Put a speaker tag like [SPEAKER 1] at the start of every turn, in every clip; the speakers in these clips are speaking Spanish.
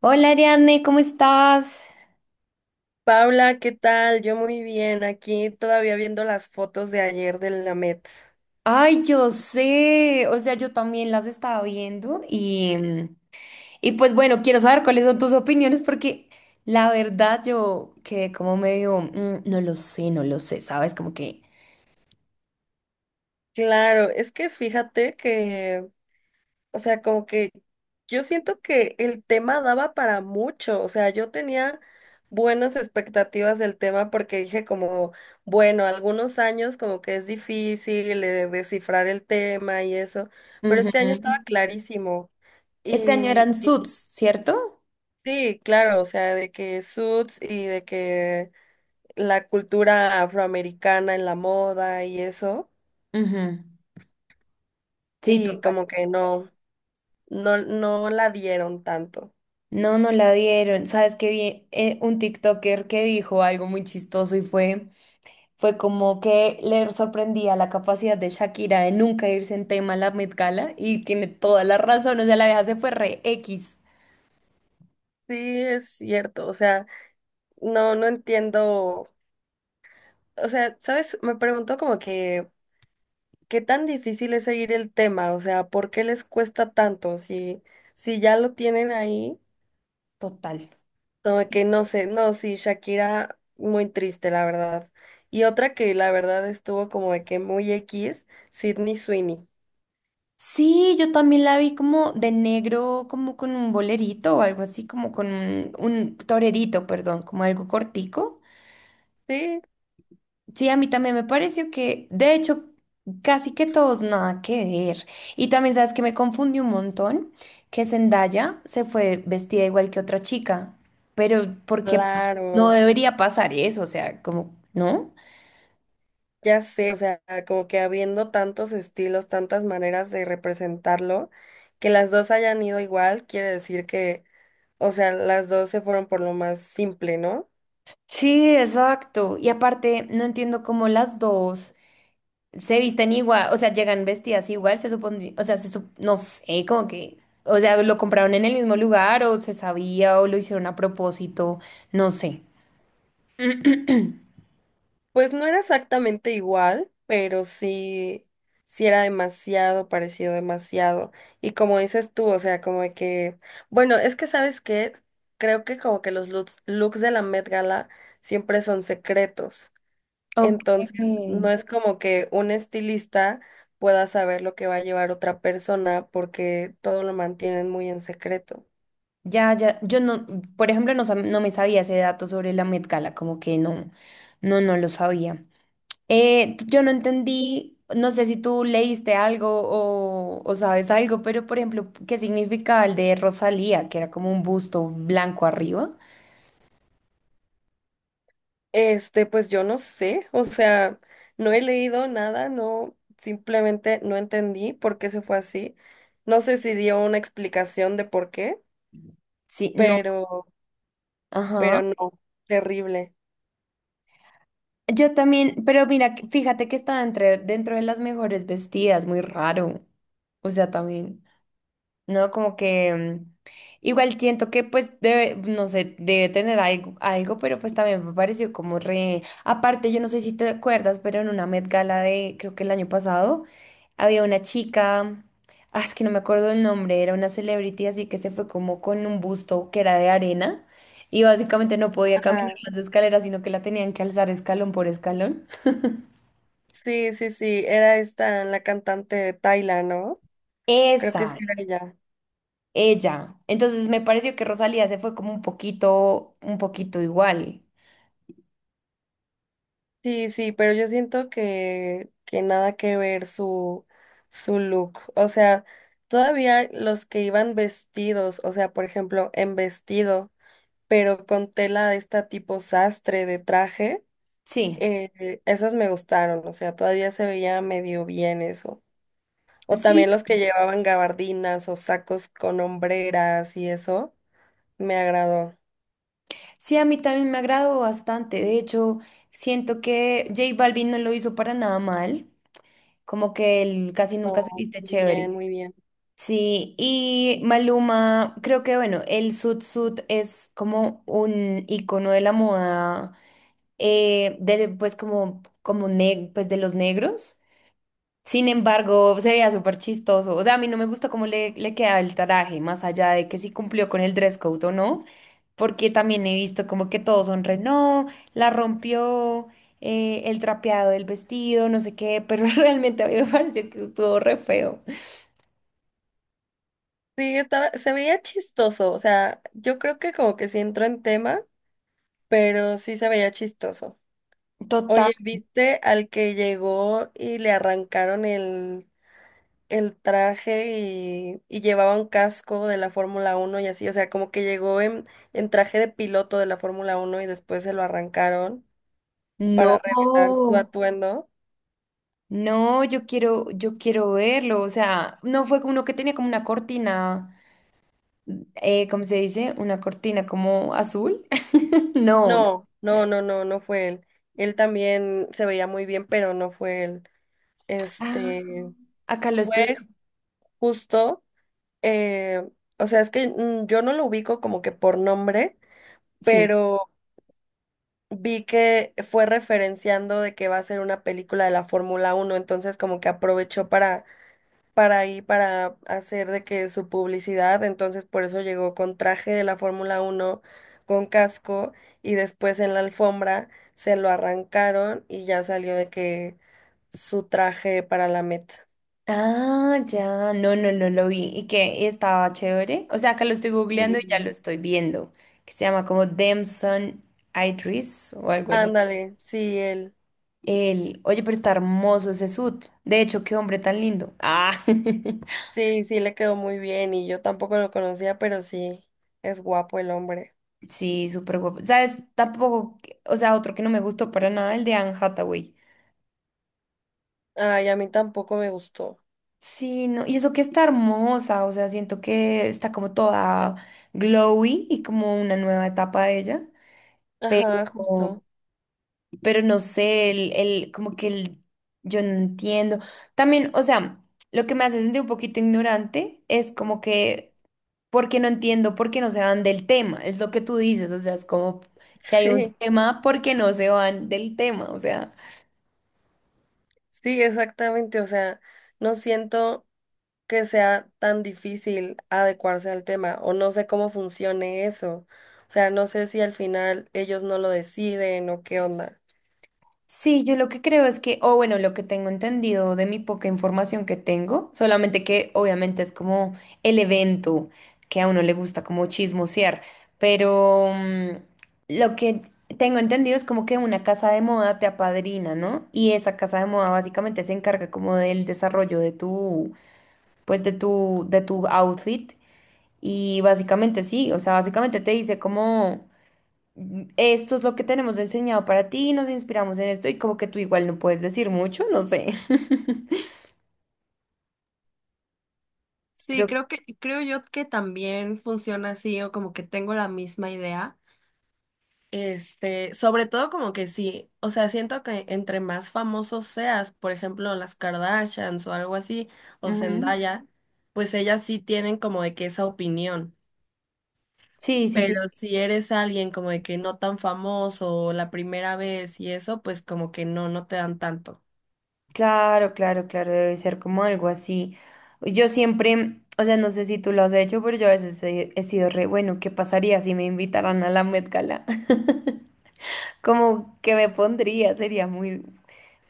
[SPEAKER 1] Hola Ariane, ¿cómo estás?
[SPEAKER 2] Paula, ¿qué tal? Yo muy bien, aquí todavía viendo las fotos de ayer de la Met.
[SPEAKER 1] Ay, yo sé, o sea, yo también las estaba viendo y pues bueno, quiero saber cuáles son tus opiniones porque la verdad yo quedé como medio, "Mm, no lo sé, no lo sé, ¿sabes? Como que...
[SPEAKER 2] Claro, es que fíjate que, o sea, como que yo siento que el tema daba para mucho. O sea, yo tenía buenas expectativas del tema porque dije como, bueno, algunos años como que es difícil descifrar el tema y eso, pero este año estaba
[SPEAKER 1] Ujú.
[SPEAKER 2] clarísimo.
[SPEAKER 1] Este año
[SPEAKER 2] Y,
[SPEAKER 1] eran
[SPEAKER 2] y
[SPEAKER 1] Suits, ¿cierto?
[SPEAKER 2] sí, claro, o sea, de que Suits y de que la cultura afroamericana en la moda y eso,
[SPEAKER 1] Ujú. Sí,
[SPEAKER 2] y
[SPEAKER 1] total.
[SPEAKER 2] como que no, no la dieron tanto.
[SPEAKER 1] No, no la dieron. ¿Sabes qué vi? Un TikToker que dijo algo muy chistoso y fue... Fue como que le sorprendía la capacidad de Shakira de nunca irse en tema a la Met Gala y tiene toda la razón, o sea, la vieja se fue re X,
[SPEAKER 2] Sí, es cierto, o sea, no entiendo, o sea, ¿sabes? Me pregunto como que, ¿qué tan difícil es seguir el tema? O sea, ¿por qué les cuesta tanto? Si, si ya lo tienen ahí,
[SPEAKER 1] total.
[SPEAKER 2] como que no sé, no, sí, Shakira, muy triste, la verdad. Y otra que la verdad estuvo como de que muy X, Sydney Sweeney.
[SPEAKER 1] Sí, yo también la vi como de negro, como con un bolerito o algo así, como con un torerito, perdón, como algo cortico.
[SPEAKER 2] Sí,
[SPEAKER 1] Sí, a mí también me pareció que, de hecho, casi que todos nada que ver. Y también sabes que me confundí un montón, que Zendaya se fue vestida igual que otra chica, pero porque no
[SPEAKER 2] claro,
[SPEAKER 1] debería pasar eso, o sea, como, ¿no?
[SPEAKER 2] ya sé, o sea, como que habiendo tantos estilos, tantas maneras de representarlo, que las dos hayan ido igual, quiere decir que, o sea, las dos se fueron por lo más simple, ¿no?
[SPEAKER 1] Sí, exacto. Y aparte, no entiendo cómo las dos se visten igual, o sea, llegan vestidas igual, se supone, o sea, no sé, como que, o sea, lo compraron en el mismo lugar o se sabía o lo hicieron a propósito, no sé.
[SPEAKER 2] Pues no era exactamente igual, pero sí, sí era demasiado parecido, demasiado. Y como dices tú, o sea, como de que, bueno, es que sabes que creo que como que los looks de la Met Gala siempre son secretos.
[SPEAKER 1] Ok,
[SPEAKER 2] Entonces, no es como que un estilista pueda saber lo que va a llevar otra persona porque todo lo mantienen muy en secreto.
[SPEAKER 1] ya, ya, yo no, por ejemplo, no, no me sabía ese dato sobre la Met Gala, como que no, no, no lo sabía. Yo no entendí, no sé si tú leíste algo o sabes algo, pero por ejemplo, ¿qué significaba el de Rosalía, que era como un busto blanco arriba?
[SPEAKER 2] Pues yo no sé, o sea, no he leído nada, no, simplemente no entendí por qué se fue así. No sé si dio una explicación de por qué,
[SPEAKER 1] Sí, no,
[SPEAKER 2] pero,
[SPEAKER 1] ajá.
[SPEAKER 2] pero no, terrible.
[SPEAKER 1] Yo también, pero mira, fíjate que está entre, dentro de las mejores vestidas, muy raro. O sea, también. ¿No? Como que igual siento que pues debe, no sé, debe tener algo, algo, pero pues también me pareció como re... Aparte, yo no sé si te acuerdas, pero en una Met Gala de, creo que el año pasado, había una chica, ah, es que no me acuerdo el nombre, era una celebrity, así que se fue como con un busto que era de arena. Y básicamente no podía caminar
[SPEAKER 2] Ajá.
[SPEAKER 1] las escaleras, sino que la tenían que alzar escalón por escalón.
[SPEAKER 2] Sí, sí, sí, era esta la cantante Tayla, ¿no? Creo que sí
[SPEAKER 1] Esa,
[SPEAKER 2] era ella.
[SPEAKER 1] ella. Entonces me pareció que Rosalía se fue como un poquito igual.
[SPEAKER 2] Sí, sí, pero yo siento que nada que ver su, su look. O sea, todavía los que iban vestidos, o sea, por ejemplo, en vestido, pero con tela de esta tipo sastre de traje,
[SPEAKER 1] Sí,
[SPEAKER 2] esos me gustaron. O sea, todavía se veía medio bien eso. O
[SPEAKER 1] sí,
[SPEAKER 2] también los que llevaban gabardinas o sacos con hombreras y eso, me agradó.
[SPEAKER 1] sí, a mí también me agradó bastante. De hecho, siento que J Balvin no lo hizo para nada mal, como que él casi nunca se
[SPEAKER 2] Oh,
[SPEAKER 1] viste
[SPEAKER 2] muy bien,
[SPEAKER 1] chévere.
[SPEAKER 2] muy bien.
[SPEAKER 1] Sí, y Maluma, creo que bueno, el sud es como un icono de la moda, de, pues como, pues de los negros. Sin embargo, se veía súper chistoso. O sea, a mí no me gustó cómo le quedaba el traje, más allá de que si cumplió con el dress code o no. Porque también he visto como que todos son re, no, la rompió el trapeado del vestido, no sé qué, pero realmente a mí me pareció que estuvo re feo.
[SPEAKER 2] Sí, estaba, se veía chistoso, o sea, yo creo que como que sí entró en tema, pero sí se veía chistoso.
[SPEAKER 1] Total.
[SPEAKER 2] Oye, ¿viste al que llegó y le arrancaron el traje y llevaba un casco de la Fórmula uno y así? O sea, como que llegó en traje de piloto de la Fórmula uno y después se lo arrancaron
[SPEAKER 1] No,
[SPEAKER 2] para revelar su atuendo.
[SPEAKER 1] no, yo quiero verlo, o sea, no fue uno que tenía como una cortina, ¿cómo se dice? Una cortina como azul. No,
[SPEAKER 2] No fue él. Él también se veía muy bien, pero no fue él.
[SPEAKER 1] ah,
[SPEAKER 2] Este
[SPEAKER 1] acá lo
[SPEAKER 2] fue
[SPEAKER 1] estoy,
[SPEAKER 2] justo eh, o sea, es que yo no lo ubico como que por nombre,
[SPEAKER 1] sí.
[SPEAKER 2] pero vi que fue referenciando de que va a ser una película de la Fórmula Uno, entonces como que aprovechó para ahí, para hacer de que su publicidad. Entonces por eso llegó con traje de la Fórmula Uno con casco, y después en la alfombra se lo arrancaron y ya salió de que su traje para la Met
[SPEAKER 1] Ah, ya, no, no, no lo vi. ¿Y que ¿Y estaba chévere? O sea, acá lo estoy googleando
[SPEAKER 2] y
[SPEAKER 1] y ya lo estoy viendo. Que se llama como Damson Idris o algo así.
[SPEAKER 2] Ándale, sí, él.
[SPEAKER 1] El, oye, pero está hermoso ese sud. De hecho, qué hombre tan lindo. Ah,
[SPEAKER 2] Sí, sí, le quedó muy bien y yo tampoco lo conocía, pero sí, es guapo el hombre.
[SPEAKER 1] sí, súper guapo. ¿Sabes? Tampoco, o sea, otro que no me gustó para nada, el de Anne Hathaway.
[SPEAKER 2] Ay, a mí tampoco me gustó.
[SPEAKER 1] Sí, no, y eso que está hermosa, o sea, siento que está como toda glowy y como una nueva etapa de ella.
[SPEAKER 2] Ajá,
[SPEAKER 1] Pero,
[SPEAKER 2] justo.
[SPEAKER 1] pero no sé, el, como que el, yo no entiendo. También, o sea, lo que me hace sentir un poquito ignorante es como que, porque no entiendo, porque no se van del tema, es lo que tú dices, o sea, es como, si hay un
[SPEAKER 2] Sí,
[SPEAKER 1] tema, ¿porque no se van del tema? O sea,
[SPEAKER 2] sí, exactamente. O sea, no siento que sea tan difícil adecuarse al tema o no sé cómo funcione eso. O sea, no sé si al final ellos no lo deciden o qué onda.
[SPEAKER 1] sí, yo lo que creo es que, o bueno, lo que tengo entendido de mi poca información que tengo, solamente que obviamente es como el evento que a uno le gusta como chismosear, pero lo que tengo entendido es como que una casa de moda te apadrina, ¿no? Y esa casa de moda básicamente se encarga como del desarrollo de tu, pues de tu outfit y básicamente sí, o sea, básicamente te dice como esto es lo que tenemos enseñado para ti, nos inspiramos en esto y como que tú igual no puedes decir mucho, no sé.
[SPEAKER 2] Sí,
[SPEAKER 1] Creo.
[SPEAKER 2] creo que, creo yo que también funciona así, o como que tengo la misma idea. Sobre todo como que sí, o sea, siento que entre más famosos seas, por ejemplo, las Kardashians o algo así, o
[SPEAKER 1] Ujú.
[SPEAKER 2] Zendaya, pues ellas sí tienen como de que esa opinión.
[SPEAKER 1] Sí, sí, sí.
[SPEAKER 2] Pero si eres alguien como de que no tan famoso o la primera vez y eso, pues como que no, no te dan tanto.
[SPEAKER 1] Claro, claro, claro, debe ser como algo así. Yo siempre, o sea, no sé si tú lo has hecho, pero yo a veces he, he sido re, bueno, ¿qué pasaría si me invitaran a la Met Gala? Como que me pondría, sería muy,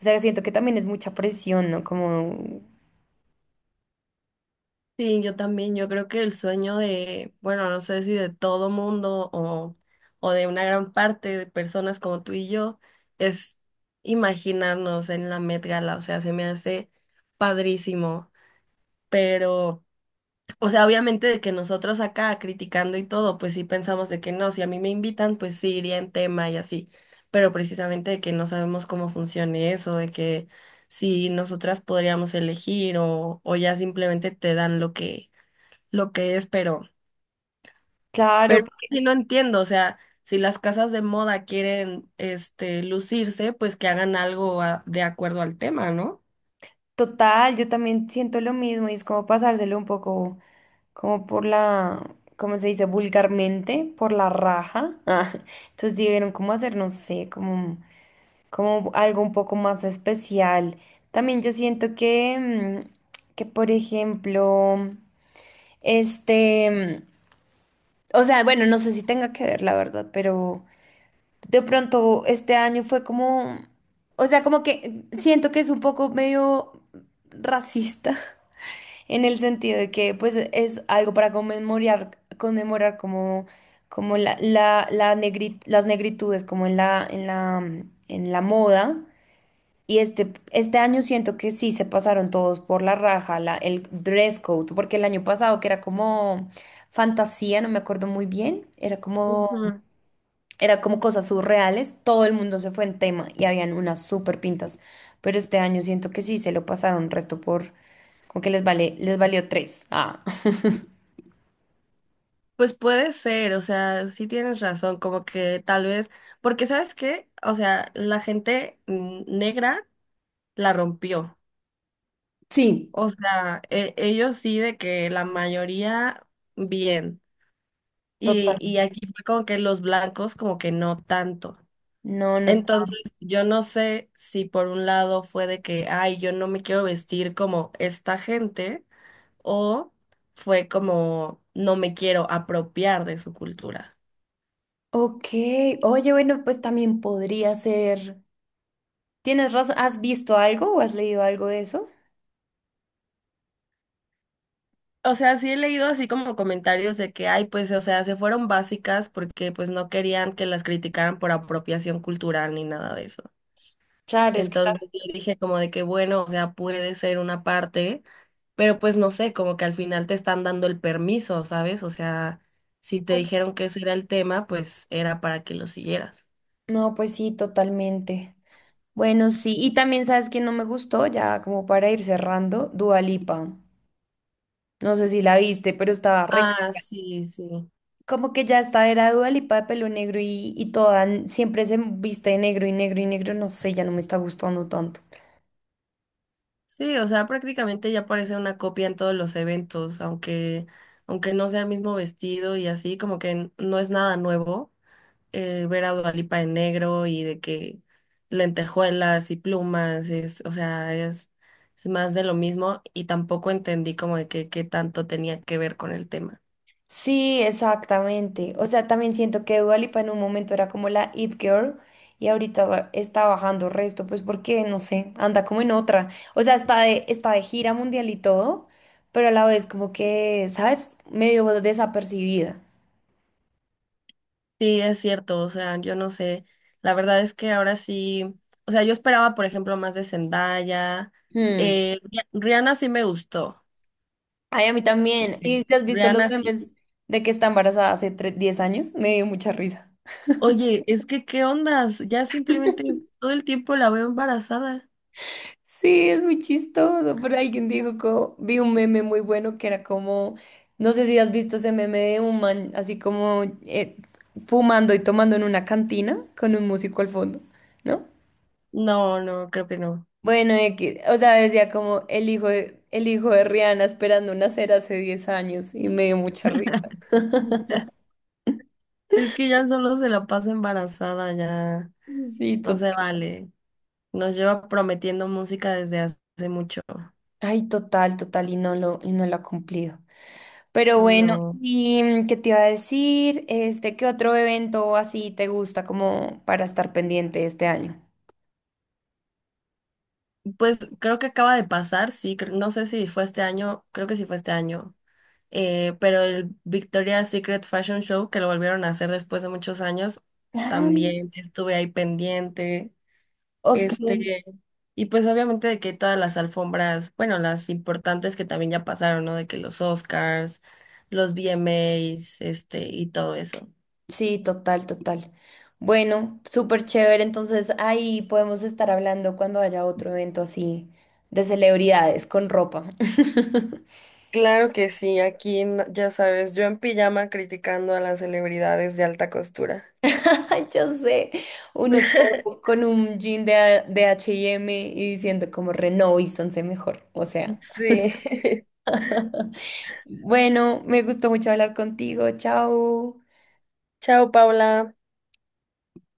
[SPEAKER 1] o sea, siento que también es mucha presión, ¿no? Como,
[SPEAKER 2] Sí, yo también, yo creo que el sueño de, bueno, no sé si de todo mundo o de una gran parte de personas como tú y yo, es imaginarnos en la Met Gala. O sea, se me hace padrísimo, pero, o sea, obviamente de que nosotros acá criticando y todo, pues sí pensamos de que no, si a mí me invitan, pues sí iría en tema y así, pero precisamente de que no sabemos cómo funcione eso, de que si nosotras podríamos elegir o ya simplemente te dan lo que es, pero
[SPEAKER 1] claro, porque-
[SPEAKER 2] sí no entiendo. O sea, si las casas de moda quieren, lucirse, pues que hagan algo a- de acuerdo al tema, ¿no?
[SPEAKER 1] total, yo también siento lo mismo y es como pasárselo un poco. Como por la, ¿cómo se dice? Vulgarmente, por la raja. Ah, entonces debieron como hacer, no sé, como, como algo un poco más especial. También yo siento que, mm, que por ejemplo, este, o sea, bueno, no sé si tenga que ver, la verdad, pero de pronto este año fue como, o sea, como que siento que es un poco medio racista en el sentido de que, pues, es algo para conmemorar, como, como las negritudes, como en la moda. Y este año siento que sí se pasaron todos por la raja, la, el dress code, porque el año pasado que era como fantasía, no me acuerdo muy bien,
[SPEAKER 2] Ujú.
[SPEAKER 1] era como cosas surreales, todo el mundo se fue en tema y habían unas súper pintas. Pero este año siento que sí se lo pasaron resto por, como que les vale, les valió tres. Ah.
[SPEAKER 2] Pues puede ser, o sea, sí tienes razón, como que tal vez, porque ¿sabes qué? O sea, la gente negra la rompió,
[SPEAKER 1] Sí,
[SPEAKER 2] o sea, e- ellos sí de que la mayoría bien, y
[SPEAKER 1] totalmente.
[SPEAKER 2] aquí fue como que los blancos como que no tanto.
[SPEAKER 1] No, no.
[SPEAKER 2] Entonces, yo no sé si por un lado fue de que, ay, yo no me quiero vestir como esta gente, o fue como, no me quiero apropiar de su cultura.
[SPEAKER 1] Ok. Oye, bueno, pues también podría ser. ¿Tienes razón? ¿Has visto algo o has leído algo de eso?
[SPEAKER 2] O sea, sí he leído así como comentarios de que, ay, pues, o sea, se fueron básicas porque pues no querían que las criticaran por apropiación cultural ni nada de eso.
[SPEAKER 1] Claro, es que tal-
[SPEAKER 2] Entonces yo dije como de que bueno, o sea, puede ser una parte, pero pues no sé, como que al final te están dando el permiso, ¿sabes? O sea, si te
[SPEAKER 1] pues-
[SPEAKER 2] dijeron que ese era el tema, pues era para que lo siguieras.
[SPEAKER 1] no, pues sí, totalmente. Bueno, sí. Y también sabes que no me gustó, ya como para ir cerrando, Dua Lipa. No sé si la viste, pero estaba re...
[SPEAKER 2] Ah, sí, sí.
[SPEAKER 1] Como que ya esta era Dua Lipa de pelo negro y toda siempre se viste de negro y negro y negro, no sé, ya no me está gustando tanto.
[SPEAKER 2] Sí, o sea, prácticamente ya parece una copia en todos los eventos, aunque, aunque no sea el mismo vestido y así, como que n- no es nada nuevo. Ver a Dua Lipa en negro y de que lentejuelas y plumas, es, o sea, es más de lo mismo y tampoco entendí como de que qué tanto tenía que ver con el tema.
[SPEAKER 1] Sí, exactamente. O sea, también siento que Dua Lipa en un momento era como la it girl y ahorita está bajando resto, pues porque, no sé, anda como en otra. O sea, está de gira mundial y todo, pero a la vez como que, ¿sabes? Medio desapercibida.
[SPEAKER 2] Sí, es cierto, o sea, yo no sé, la verdad es que ahora sí, o sea, yo esperaba, por ejemplo, más de Zendaya,
[SPEAKER 1] Hmm.
[SPEAKER 2] Rihanna sí me gustó,
[SPEAKER 1] Ay, a mí también. ¿Y si has visto los
[SPEAKER 2] Rihanna sí.
[SPEAKER 1] memes de que está embarazada hace 10 años? Me dio mucha risa.
[SPEAKER 2] Oye, es que, ¿qué ondas? Ya simplemente todo el tiempo la veo embarazada.
[SPEAKER 1] Sí, es muy chistoso, pero alguien dijo como, vi un meme muy bueno que era como, no sé si has visto ese meme de un man así como fumando y tomando en una cantina con un músico al fondo, ¿no?
[SPEAKER 2] No, no, creo que no.
[SPEAKER 1] Bueno, X, o sea, decía como el hijo de Rihanna esperando nacer hace 10 años y me dio mucha risa.
[SPEAKER 2] Es que ya solo se la pasa embarazada, ya
[SPEAKER 1] Sí,
[SPEAKER 2] no
[SPEAKER 1] total.
[SPEAKER 2] se vale. Nos lleva prometiendo música desde hace mucho.
[SPEAKER 1] Ay, total, total, y no lo ha cumplido. Pero bueno,
[SPEAKER 2] No.
[SPEAKER 1] ¿y qué te iba a decir? Este, ¿qué otro evento así te gusta como para estar pendiente este año?
[SPEAKER 2] Pues creo que acaba de pasar, sí, cre- no sé si fue este año, creo que sí fue este año. Pero el Victoria's Secret Fashion Show, que lo volvieron a hacer después de muchos años,
[SPEAKER 1] Ah,
[SPEAKER 2] también estuve ahí pendiente.
[SPEAKER 1] ok.
[SPEAKER 2] Este, y pues obviamente de que todas las alfombras, bueno, las importantes que también ya pasaron, ¿no? De que los Oscars, los VMAs, y todo eso.
[SPEAKER 1] Sí, total, total. Bueno, súper chévere. Entonces ahí podemos estar hablando cuando haya otro evento así de celebridades con ropa.
[SPEAKER 2] Claro que sí, aquí n- ya sabes, yo en pijama criticando a las celebridades de alta costura.
[SPEAKER 1] Ay, yo sé, uno todo con un jean de, A- de H&M y M y diciendo como reno renovístanse mejor. O sea,
[SPEAKER 2] Sí.
[SPEAKER 1] bueno, me gustó mucho hablar contigo. Chao.
[SPEAKER 2] Chao, Paula.